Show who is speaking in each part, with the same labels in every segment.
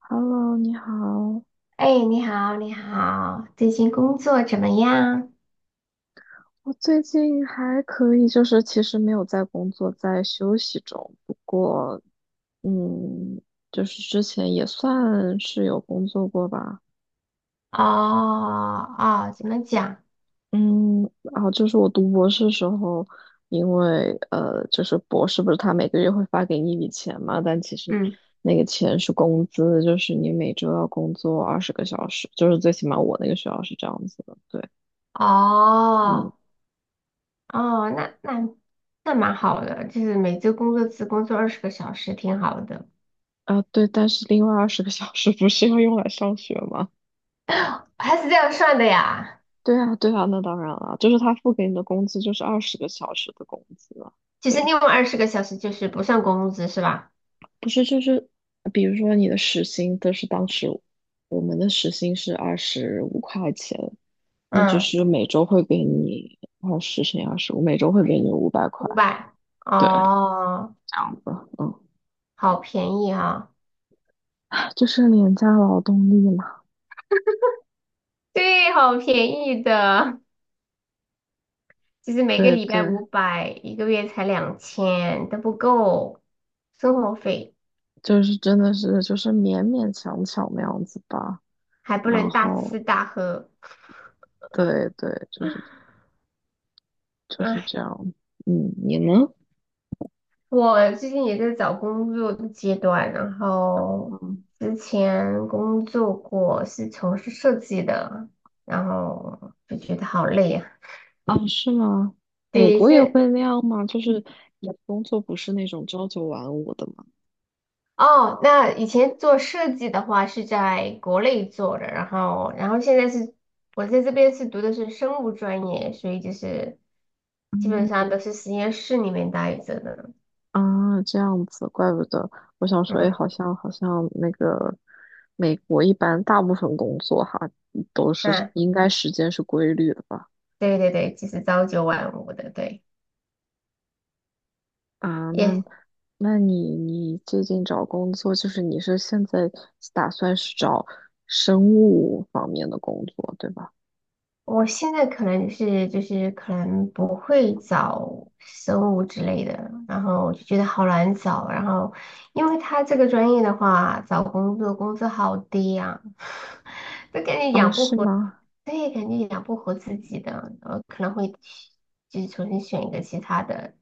Speaker 1: Hello，你好。
Speaker 2: 哎，你好，你好，最近工作怎么样？
Speaker 1: 我最近还可以，就是其实没有在工作，在休息中。不过，嗯，就是之前也算是有工作过吧。
Speaker 2: 哦哦，怎么讲？
Speaker 1: 嗯，然后就是我读博士时候，因为就是博士不是他每个月会发给你一笔钱嘛，但其实
Speaker 2: 嗯，
Speaker 1: 那个钱是工资，就是你每周要工作二十个小时，就是最起码我那个学校是这样子的。对，嗯。
Speaker 2: 哦哦，那蛮好的，就是每周工作只工作二十个小时，挺好的。
Speaker 1: 啊，对，但是另外二十个小时不是要用来上学吗？
Speaker 2: 还是这样算的呀？
Speaker 1: 对啊，对啊，那当然了，就是他付给你的工资就是二十个小时的工资啊。
Speaker 2: 就是
Speaker 1: 对，
Speaker 2: 另外二十个小时就是不算工资是吧？
Speaker 1: 不是就是，比如说你的时薪，就是当时我们的时薪是25块钱，那就
Speaker 2: 嗯，
Speaker 1: 是每周会给你20乘以25，每周会给你500块。
Speaker 2: 五百。
Speaker 1: 对，这
Speaker 2: 哦，
Speaker 1: 样子，嗯，
Speaker 2: 好便宜哈、
Speaker 1: 就是廉价劳动力嘛。
Speaker 2: 对，好便宜的。就是每个
Speaker 1: 对
Speaker 2: 礼拜
Speaker 1: 对，
Speaker 2: 五百，一个月才两千，都不够生活费，
Speaker 1: 就是真的是就是勉勉强强那样子吧。
Speaker 2: 还不
Speaker 1: 然
Speaker 2: 能大
Speaker 1: 后
Speaker 2: 吃大喝。
Speaker 1: 对对，就是
Speaker 2: 唉，
Speaker 1: 这样。你呢？
Speaker 2: 我最近也在找工作的阶段，然后
Speaker 1: 嗯，
Speaker 2: 之前工作过是从事设计的，然后就觉得好累啊。
Speaker 1: 哦，是吗？美
Speaker 2: 对，
Speaker 1: 国也会那样吗？就是你的工作不是那种朝九晚五的吗？
Speaker 2: 哦，那以前做设计的话是在国内做的，然后现在是我在这边是读的是生物专业，所以就是基本上
Speaker 1: 嗯
Speaker 2: 都是实验室里面待着的。
Speaker 1: 啊，这样子，怪不得。我想说，哎，
Speaker 2: 嗯，
Speaker 1: 好像那个美国一般大部分工作哈都是
Speaker 2: 那
Speaker 1: 应该时间是规律的吧？
Speaker 2: 对对对，就是朝九晚五的，对，
Speaker 1: 啊，那
Speaker 2: 也
Speaker 1: 那你最近找工作，就是你是现在打算是找生物方面的工作，对吧？
Speaker 2: 我现在可能是就是可能不会找生物之类的，然后我就觉得好难找，然后因为他这个专业的话，找工作工资好低呀、都感觉
Speaker 1: 哦，
Speaker 2: 养不
Speaker 1: 是
Speaker 2: 活。
Speaker 1: 吗？
Speaker 2: 对，肯定养不活自己的，可能会去就是重新选一个其他的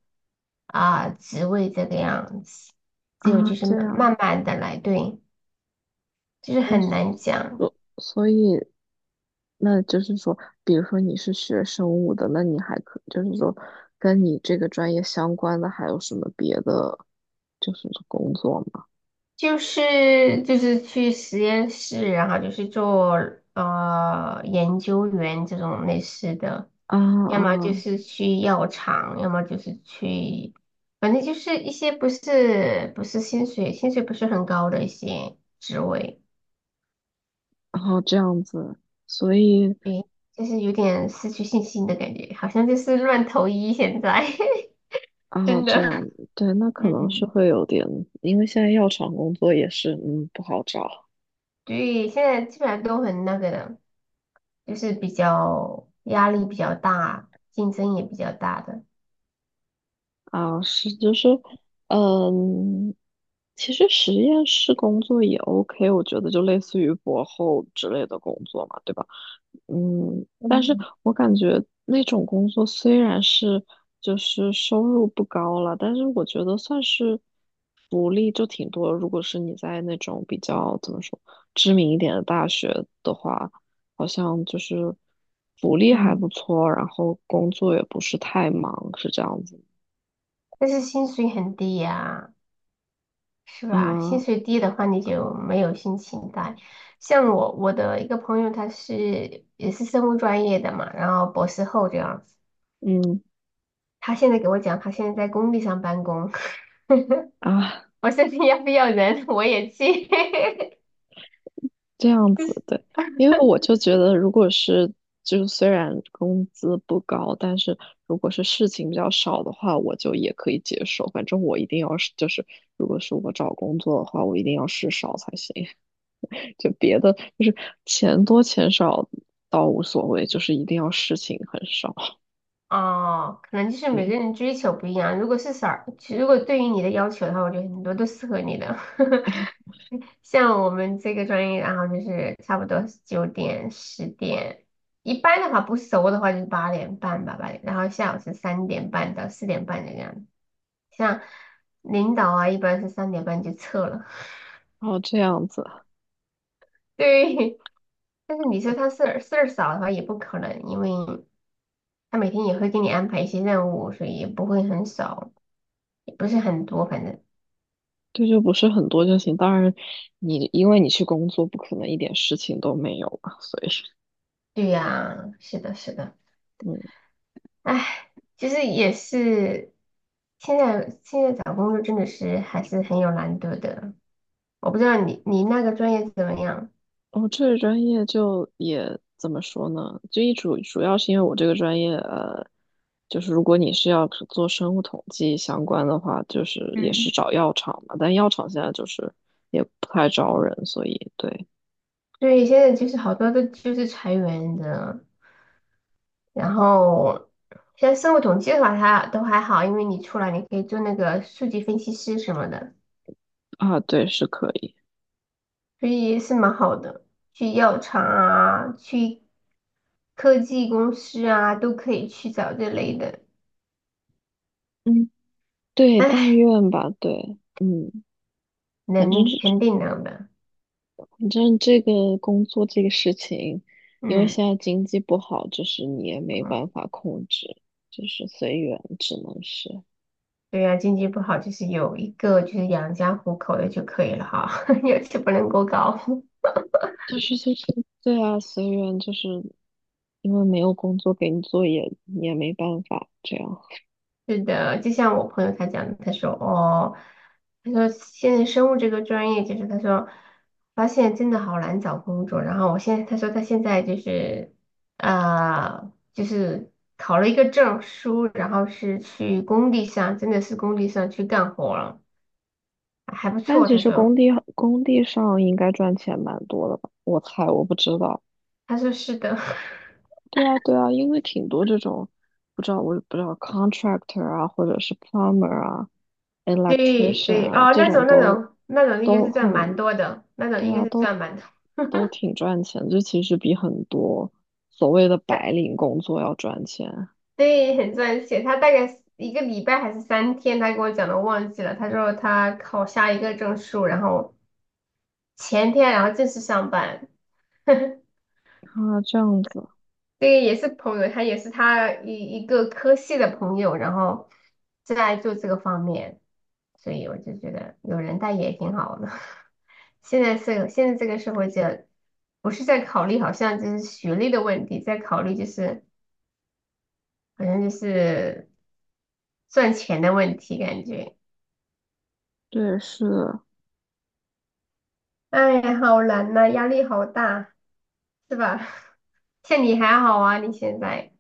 Speaker 2: 啊、职位这个样子。只有
Speaker 1: 啊，
Speaker 2: 就是
Speaker 1: 这
Speaker 2: 慢
Speaker 1: 样，
Speaker 2: 慢慢的来，对，就是
Speaker 1: 哎，
Speaker 2: 很
Speaker 1: 所
Speaker 2: 难讲，
Speaker 1: 所所以，那就是说，比如说你是学生物的，那你还可就是说，跟你这个专业相关的还有什么别的，就是工作吗？
Speaker 2: 就是去实验室，然后就是做研究员这种类似的，
Speaker 1: 啊
Speaker 2: 要么就
Speaker 1: 啊，
Speaker 2: 是去药厂，要么就是去，反正就是一些不是不是薪水，薪水不是很高的一些职位。
Speaker 1: 然后这样子，所以
Speaker 2: 诶，就是有点失去信心的感觉，好像就是乱投医现在，
Speaker 1: 啊，
Speaker 2: 真
Speaker 1: 这样，
Speaker 2: 的。
Speaker 1: 对，那可能是
Speaker 2: 嗯，
Speaker 1: 会有点，因为现在药厂工作也是，不好找。
Speaker 2: 对，现在基本上都很那个的，就是比较压力比较大，竞争也比较大的，
Speaker 1: 啊，是就是，嗯，其实实验室工作也 OK,我觉得就类似于博后之类的工作嘛，对吧？但是
Speaker 2: 嗯
Speaker 1: 我感觉那种工作虽然是就是收入不高了，但是我觉得算是福利就挺多。如果是你在那种比较怎么说知名一点的大学的话，好像就是福利还
Speaker 2: 嗯，
Speaker 1: 不错，然后工作也不是太忙，是这样子。
Speaker 2: 但是薪水很低呀、是吧？薪
Speaker 1: 嗯，
Speaker 2: 水低的话，你就没有心情带。像我的一个朋友，也是生物专业的嘛，然后博士后这样子，
Speaker 1: 嗯
Speaker 2: 他现在给我讲，他现在在工地上办公，
Speaker 1: 啊，
Speaker 2: 我相信要不要人我也去，
Speaker 1: 这样
Speaker 2: 就是
Speaker 1: 子对，因为我就觉得，如果是就是虽然工资不高，但是如果是事情比较少的话，我就也可以接受。反正我一定要是就是，如果是我找工作的话，我一定要事少才行。就别的就是钱多钱少倒无所谓，就是一定要事情很少。
Speaker 2: 哦，可能就是每个
Speaker 1: 嗯，
Speaker 2: 人追求不一样。如果是少，如果对于你的要求的话，我觉得很多都适合你的。像我们这个专业，然后就是差不多9点、10点，一般的话不熟的话就是8点半吧，八点，然后下午是三点半到4点半的样子。像领导啊，一般是三点半就撤了。
Speaker 1: 然后这样子，
Speaker 2: 对，但是你说他事儿少的话也不可能，因为他每天也会给你安排一些任务，所以也不会很少，也不是很多，反正
Speaker 1: 对，就不是很多就行。当然你，因为你去工作，不可能一点事情都没有嘛，所以
Speaker 2: 对呀，是的，是的，
Speaker 1: 嗯。
Speaker 2: 唉，其实也是，现在找工作真的是还是很有难度的，我不知道你那个专业怎么样？
Speaker 1: 哦，这个专业就也怎么说呢？就一主要是因为我这个专业，就是如果你是要是做生物统计相关的话，就是也
Speaker 2: 嗯，
Speaker 1: 是找药厂嘛，但药厂现在就是也不太招人，所以对
Speaker 2: 对，现在就是好多都就是裁员的，然后像生物统计的话，它都还好，因为你出来你可以做那个数据分析师什么的，
Speaker 1: 啊，对是可以，
Speaker 2: 所以是蛮好的。去药厂啊，去科技公司啊，都可以去找这类的。
Speaker 1: 嗯，对，但
Speaker 2: 唉，
Speaker 1: 愿吧，对，反正
Speaker 2: 能
Speaker 1: 是
Speaker 2: 肯定能的。
Speaker 1: 反正这个工作这个事情，因为
Speaker 2: 嗯
Speaker 1: 现在经济不好，就是你也没
Speaker 2: 嗯，
Speaker 1: 办法控制，就是随缘，只能是。
Speaker 2: 对呀、经济不好就是有一个就是养家糊口的就可以了哈，要求不能过高。
Speaker 1: 就是对啊，随缘，就是因为没有工作给你做也，也没办法这样。
Speaker 2: 是的，就像我朋友他讲的，他说哦，他说现在生物这个专业，就是他说发现真的好难找工作。然后我现在他说他现在就是考了一个证书，然后是去工地上，真的是工地上去干活了，还不
Speaker 1: 但
Speaker 2: 错。
Speaker 1: 其
Speaker 2: 他
Speaker 1: 实工
Speaker 2: 说，
Speaker 1: 地工地上应该赚钱蛮多的吧？我猜，我不知道。
Speaker 2: 他说是的，
Speaker 1: 对啊，对啊，因为挺多这种，不知道我也不知道 contractor 啊，或者是 plumber 啊
Speaker 2: 对
Speaker 1: ，electrician
Speaker 2: 对，
Speaker 1: 啊，
Speaker 2: 哦，
Speaker 1: 这
Speaker 2: 那
Speaker 1: 种
Speaker 2: 种那
Speaker 1: 都
Speaker 2: 种那种应该
Speaker 1: 都
Speaker 2: 是赚
Speaker 1: 很，
Speaker 2: 蛮多的，那种
Speaker 1: 对
Speaker 2: 应该
Speaker 1: 啊，
Speaker 2: 是
Speaker 1: 都
Speaker 2: 赚蛮多。
Speaker 1: 都挺赚钱，就其实比很多所谓的白领工作要赚钱
Speaker 2: 对，很赚钱。他大概一个礼拜还是3天，他跟我讲的忘记了。他说他考下一个证书，然后前天然后正式上班。
Speaker 1: 啊，这样子。
Speaker 2: 这个也是朋友，他也是他一个科系的朋友，然后正在做这个方面，所以我就觉得有人带也挺好的。现在这个社会就不是在考虑好像就是学历的问题，在考虑就是好像就是赚钱的问题，感觉。
Speaker 1: 对，是，
Speaker 2: 哎，好难呐、压力好大，是吧？像你还好啊，你现在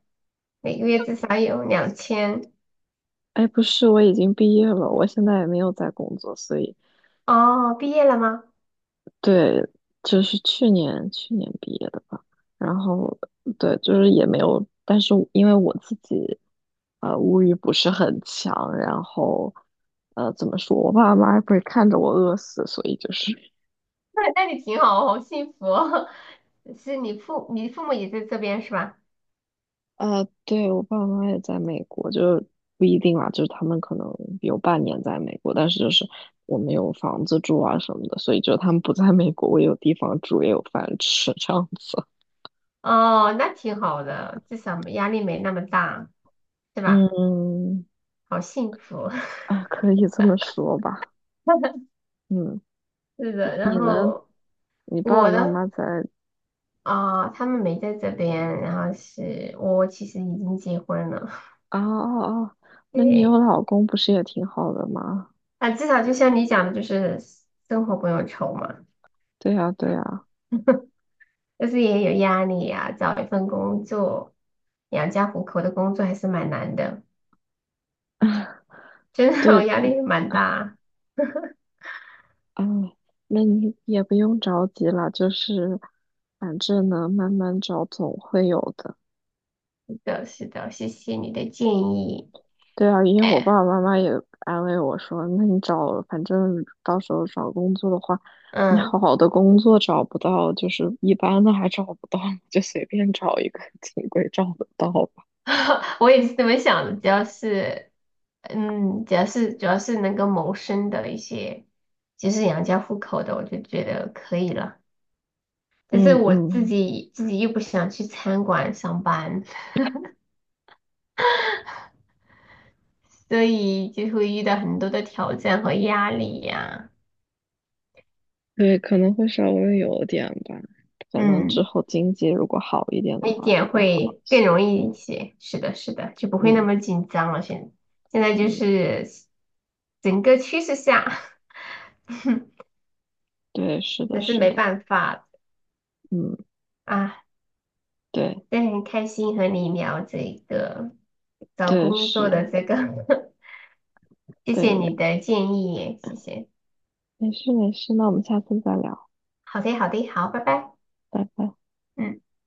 Speaker 2: 每个月至少有两千。
Speaker 1: 哎，不是，我已经毕业了，我现在也没有在工作，所以
Speaker 2: 哦，毕业了吗？
Speaker 1: 对，就是去年毕业的吧。然后对，就是也没有，但是因为我自己物欲不是很强，然后怎么说，我爸妈也不会看着我饿死，所以就是
Speaker 2: 那你挺好，好幸福哦 是你父母也在这边是吧？
Speaker 1: 对，我爸妈也在美国，就是不一定啦，就是他们可能有半年在美国，但是就是我们有房子住啊什么的，所以就他们不在美国，我有地方住，也有饭吃这样子。
Speaker 2: 哦，那挺好的，至少没压力没那么大，是吧？
Speaker 1: 嗯，
Speaker 2: 好幸福。
Speaker 1: 啊，可以这么说吧。嗯，
Speaker 2: 是的，然后
Speaker 1: 你爸爸
Speaker 2: 我
Speaker 1: 妈
Speaker 2: 的
Speaker 1: 妈在
Speaker 2: 啊、他们没在这边，然后是我其实已经结婚了，
Speaker 1: 啊啊啊，那你有
Speaker 2: 对。
Speaker 1: 老公不是也挺好的吗？
Speaker 2: 啊，至少就像你讲的，就是生活不用愁嘛，
Speaker 1: 对呀，对呀，
Speaker 2: 但是也有压力呀、找一份工作养家糊口的工作还是蛮难的，真的，我
Speaker 1: 对，
Speaker 2: 压力蛮大。
Speaker 1: 哎，那你也不用着急了，就是反正呢，慢慢找总会有的。
Speaker 2: 是的，是的，谢谢你的建议。
Speaker 1: 对啊，因为我爸
Speaker 2: 哎，
Speaker 1: 爸妈妈也安慰我说，那你找，反正到时候找工作的话，你
Speaker 2: 嗯，
Speaker 1: 好的工作找不到，就是一般的还找不到，就随便找一个，总归找得到吧。
Speaker 2: 我也是这么想的，只要是主要是能够谋生的一些，就是养家糊口的，我就觉得可以了。但是
Speaker 1: 嗯
Speaker 2: 我自
Speaker 1: 嗯，
Speaker 2: 己自己又不想去餐馆上班。所以就会遇到很多的挑战和压力呀、
Speaker 1: 对，可能会稍微有点吧，可能之
Speaker 2: 嗯，
Speaker 1: 后经济如果好一点的
Speaker 2: 那
Speaker 1: 话，就
Speaker 2: 点
Speaker 1: 会好一
Speaker 2: 会更
Speaker 1: 些。
Speaker 2: 容易一些。是的，是的，就不会那
Speaker 1: 嗯
Speaker 2: 么紧张了。现在就
Speaker 1: 嗯，
Speaker 2: 是整个趋势下，
Speaker 1: 对，是 的，
Speaker 2: 那是
Speaker 1: 是
Speaker 2: 没
Speaker 1: 的，
Speaker 2: 办法的
Speaker 1: 嗯，
Speaker 2: 啊。
Speaker 1: 对
Speaker 2: 但很开心和你聊这个找
Speaker 1: 对
Speaker 2: 工作
Speaker 1: 是，
Speaker 2: 的这个，谢谢
Speaker 1: 对，
Speaker 2: 你的建议，谢谢。
Speaker 1: 没事没事，那我们下次再聊，
Speaker 2: 好的，好的，好，拜拜。
Speaker 1: 拜拜。
Speaker 2: 嗯。